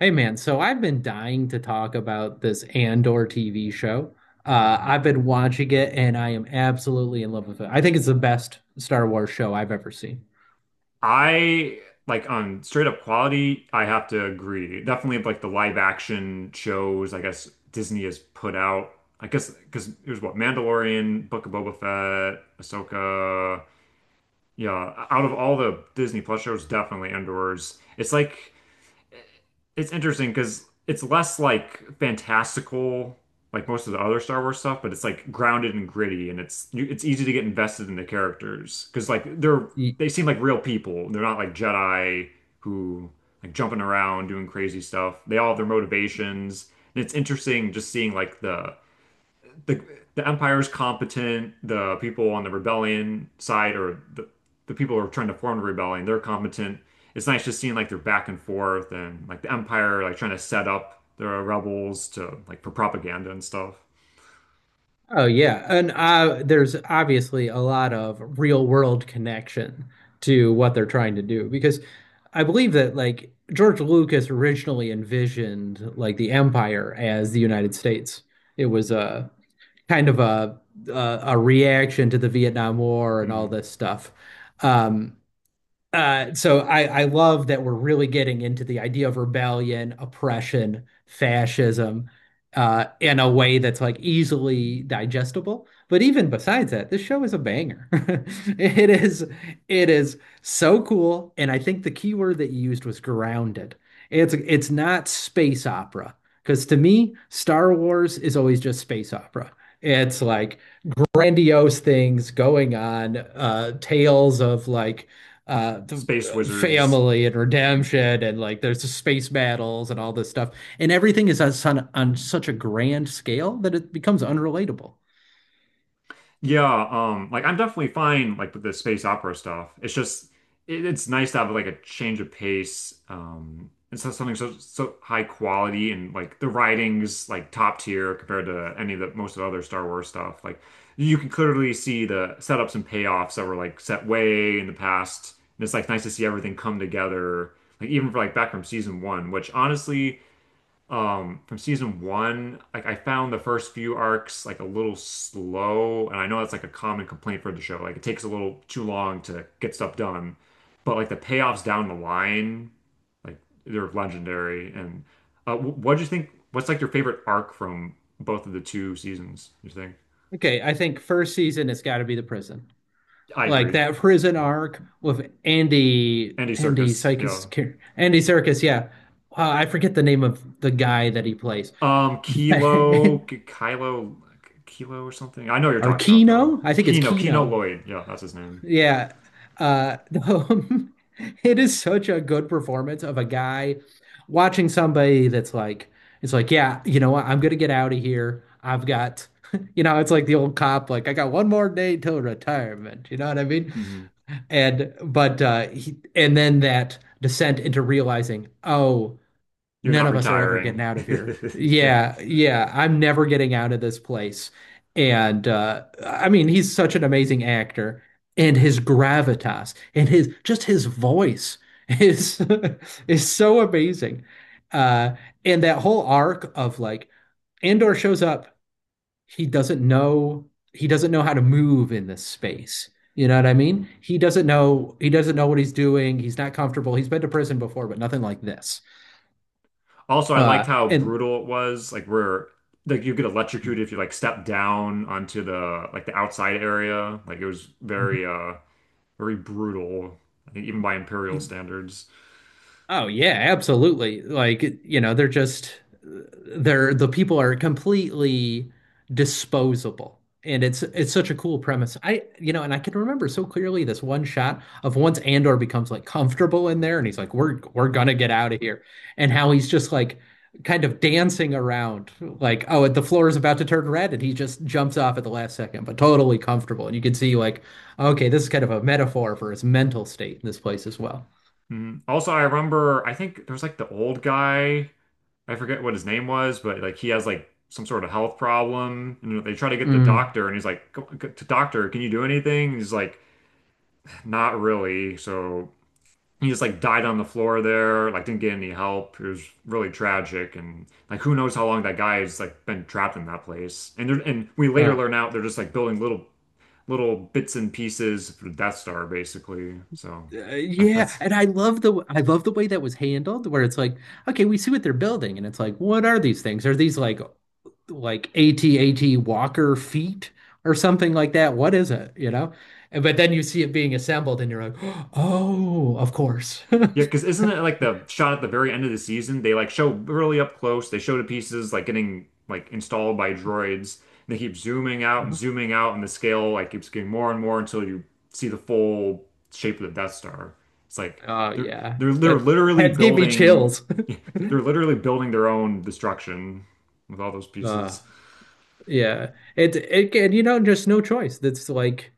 Hey man, so I've been dying to talk about this Andor TV show. I've been watching it and I am absolutely in love with it. I think it's the best Star Wars show I've ever seen. I like on straight up quality, I have to agree. Definitely like the live action shows, I guess Disney has put out. I guess because it was what Mandalorian, Book of Boba Fett, Ahsoka. Yeah, out of all the Disney Plus shows, definitely Andor's. It's like it's interesting because it's less like fantastical, like most of the other Star Wars stuff, but it's like grounded and gritty, and it's you, it's easy to get invested in the characters because like they're Y- they seem like real people. They're not like Jedi who like jumping around doing crazy stuff. They all have their motivations, and it's interesting just seeing like the the Empire's competent. The people on the rebellion side, or the people who are trying to form the rebellion, they're competent. It's nice just seeing like they're back and forth, and like the Empire like trying to set up the rebels to like for propaganda and stuff. Oh yeah, and there's obviously a lot of real world connection to what they're trying to do because I believe that like George Lucas originally envisioned like the Empire as the United States. It was a kind of a reaction to the Vietnam War and all hmm this stuff. Um, so I love that we're really getting into the idea of rebellion, oppression, fascism, in a way that's like easily digestible. But even besides that, this show is a banger. It is, it is so cool. And I think the key word that you used was grounded. It's not space opera because to me, Star Wars is always just space opera. It's like grandiose things going on, tales of like the Space wizards. family and redemption and like there's the space battles and all this stuff and everything is on such a grand scale that it becomes unrelatable. Yeah, like I'm definitely fine like with the space opera stuff. It's just it's nice to have like a change of pace. It's not something so high quality and like the writing's like top tier compared to any of the most of the other Star Wars stuff. Like you can clearly see the setups and payoffs that were like set way in the past. And it's like nice to see everything come together. Like even for like back from season one, which honestly from season one like I found the first few arcs like a little slow and I know that's like a common complaint for the show like it takes a little too long to get stuff done but like the payoffs down the line like they're legendary and what do you think, what's like your favorite arc from both of the two seasons you think? Okay, I think first season it's got to be the prison. I Like agree. that prison Oh, arc with Andy Andy Andy Circus, Serkis yeah. Andy Serkis, yeah. I forget the name of the guy that he plays. um Kilo Kylo Kilo or something, I know what you're Or talking about though. Kino? I think it's Kino Kino. Lloyd, yeah, that's his name. Yeah. Uh it is such a good performance of a guy watching somebody that's like, yeah, you know what? I'm gonna get out of here. I've got you know, it's like the old cop, like, I got one more day till retirement. You know what I mean? Hmm. And then that descent into realizing, oh, You're none not of us are ever retiring. getting out of here. Yeah. Yeah, yeah, I'm never getting out of this place. And I mean, he's such an amazing actor and his gravitas and his just his voice is is so amazing. Uh and that whole arc of like Andor shows up, he doesn't know he doesn't know how to move in this space. You know what I mean? He doesn't know what he's doing. He's not comfortable. He's been to prison before, but nothing like this. Also, I liked how And brutal it was. Like where like you get electrocuted if you like step down onto the like the outside area. Like it was very very brutal, I think even by Imperial standards. Oh yeah, absolutely. Like, you know, they're just they're the people are completely disposable. And it's such a cool premise. I you know, and I can remember so clearly this one shot of once Andor becomes like comfortable in there and he's like, we're gonna get out of here. And how he's just like kind of dancing around, like, oh, the floor is about to turn red and he just jumps off at the last second, but totally comfortable. And you can see like, okay, this is kind of a metaphor for his mental state in this place as well. Mhm. Also, I remember I think there was like the old guy. I forget what his name was, but like he has like some sort of health problem, and they try to get the Mm. doctor, and he's like, Doctor, can you do anything?" And he's like, "Not really." So he just like died on the floor there, like didn't get any help. It was really tragic, and like who knows how long that guy has like been trapped in that place. And they and we later Oh. learn out they're just like building little little bits and pieces for the Death Star basically. So that, Yeah, that's and I love the way that was handled, where it's like, okay, we see what they're building, and it's like, what are these things? Are these like AT-AT Walker feet or something like that? What is it? You know? And but then you see it being assembled, and you're like, oh, of course. yeah, because isn't it like the shot at the very end of the season? They like show really up close. They show the pieces like getting like installed by droids. And they keep Mhm. zooming out, and the scale like keeps getting more and more until you see the full shape of the Death Star. It's like Oh they're yeah, they're they're literally that gave me building chills. they're literally building their own destruction with all those Uh, pieces. yeah, it and you know just no choice. That's like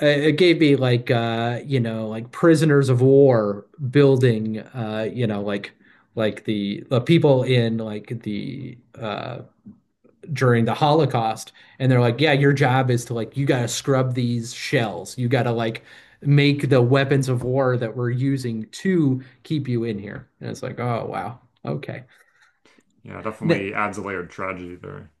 it gave me like you know like prisoners of war building you know like the people in like the during the Holocaust and they're like, yeah, your job is to like you got to scrub these shells, you got to like make the weapons of war that we're using to keep you in here. And it's like, oh wow, okay. Yeah, N- definitely adds a layer of tragedy there.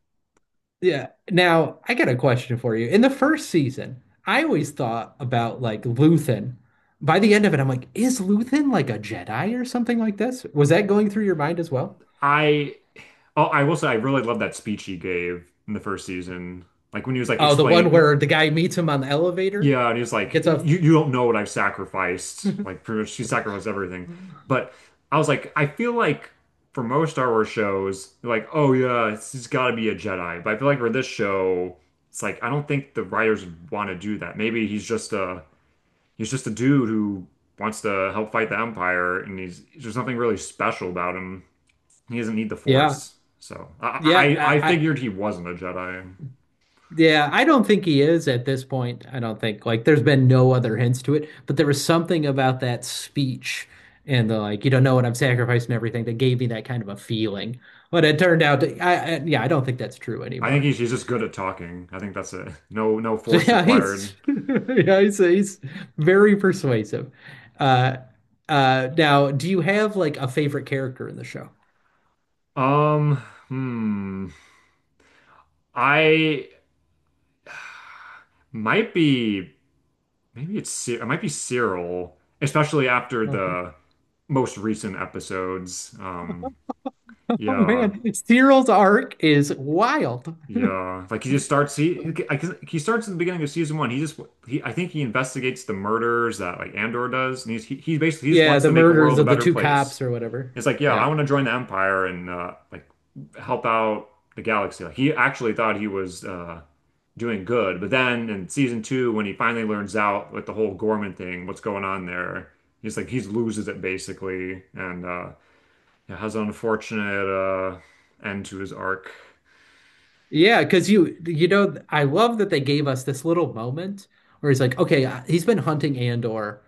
Yeah. Now, I got a question for you. In the first season, I always thought about like Luthen. By the end of it, I'm like, is Luthen like a Jedi or something like this? Was that going through your mind as well? I oh, I will say I really love that speech he gave in the first season. Like when he was like Oh, the one explaining, where the guy meets him on the elevator, yeah, and he's like, gets off. you don't know what I've sacrificed. Like pretty much she sacrificed everything. But I was like, I feel like for most Star Wars shows, they're like, oh yeah, it's gotta be a Jedi. But I feel like for this show, it's like I don't think the writers want to do that. Maybe he's just a dude who wants to help fight the Empire and he's there's nothing really special about him. He doesn't need the Yeah. Force. So I Yeah. figured he wasn't a Jedi. Yeah, I don't think he is at this point. I don't think like there's been no other hints to it, but there was something about that speech and the like, you don't know what I'm sacrificing and everything that gave me that kind of a feeling. But it turned out to, I yeah, I don't think that's true I think anymore. he's just good at talking. I think that's it. No force Yeah, he's required. yeah, he's very persuasive. Uh Now, do you have like a favorite character in the show? Um, hmm. I might be, maybe it's, it might be Cyril, especially after Oh, the most recent episodes. Oh, Yeah, man, Cyril's arc is wild. yeah. Like he just starts, 'cause he starts at the beginning of season one. I think he investigates the murders that like Andor does. And he basically, he just Yeah, wants to the make a murders world a of the better two place. cops or whatever. It's like, yeah, I Yeah. want to join the Empire and like help out the galaxy. Like he actually thought he was doing good, but then in season two, when he finally learns out like the whole Gorman thing, what's going on there, he's like he loses it basically, and yeah, has an unfortunate end to his arc. Yeah, because you know I love that they gave us this little moment where he's like, okay, he's been hunting Andor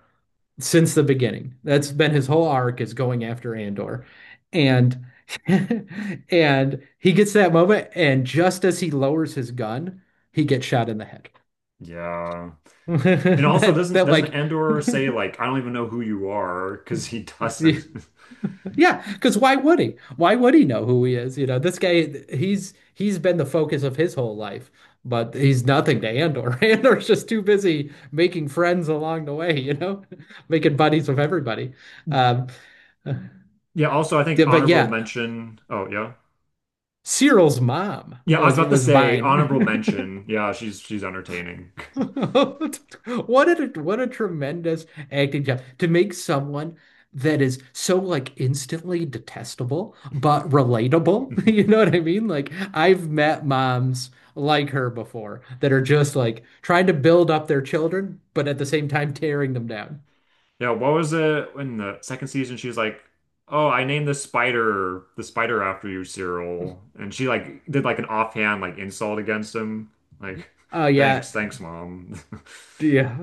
since the beginning. That's been his whole arc is going after Andor, and and he gets that moment, and just as he lowers his gun, he gets shot in the head. Yeah. And also That doesn't that doesn't like Andor say like I don't even know who you are, because he doesn't. yeah, because why would he? Why would he know who he is? You know, this guy, he's been the focus of his whole life, but he's nothing to Andor. Andor's just too busy making friends along the way, you know, making buddies with everybody. Um, yeah, Yeah, also I think but honorable yeah, mention. Oh, yeah. Cyril's mom Yeah, I was was about to say honorable mine. mention. Yeah, she's entertaining. What a tremendous acting job to make someone that is so like instantly detestable but relatable. You know what I mean? Like I've met moms like her before that are just like trying to build up their children, but at the same time tearing them down. Yeah, what was it in the second season? She was like, "Oh, I named the spider after you, Cyril," and she like did like an offhand like insult against him. Like, Oh yeah, thanks, thanks, mom. yeah.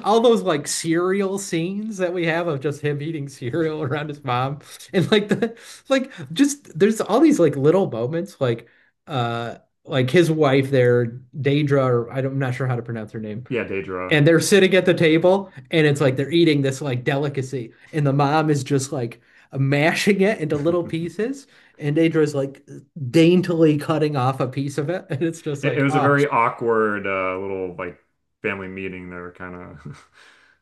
All those like cereal scenes that we have of just him eating cereal around his mom. And like the like just there's all these like little moments uh like his wife there, Daedra, or I don't, I'm not sure how to pronounce her name. Yeah, Daedra. And they're sitting at the table and it's like they're eating this like delicacy. And the mom is just like mashing it into little pieces. And Daedra's like daintily cutting off a piece of it. And it's just It like, was a oh, very awkward little like family meeting there, kind of.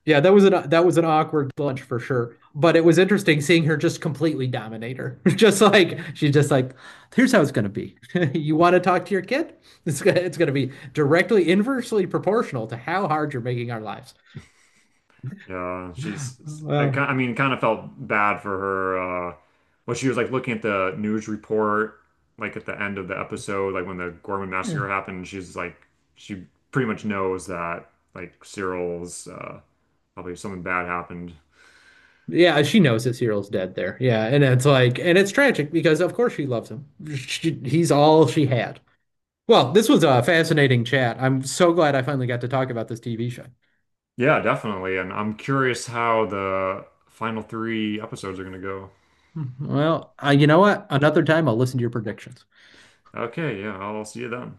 yeah, that was an awkward lunch for sure. But it was interesting seeing her just completely dominate her. Just like she's just like, here's how it's gonna be. You want to talk to your kid? It's gonna be directly inversely proportional to how hard you're making our lives. Yeah, she's I Well, I mean, kind of felt bad for her. When she was like looking at the news report, like at the end of the episode, like when the Gorman yeah. massacre happened, she's like, she pretty much knows that like Cyril's probably something bad happened. Yeah, she knows that Cyril's dead there. Yeah, and it's like and it's tragic because of course she loves him. She, he's all she had. Well, this was a fascinating chat. I'm so glad I finally got to talk about this TV show. Yeah, definitely. And I'm curious how the final three episodes are gonna go. Well, you know what? Another time I'll listen to your predictions. Okay, yeah, I'll see you then.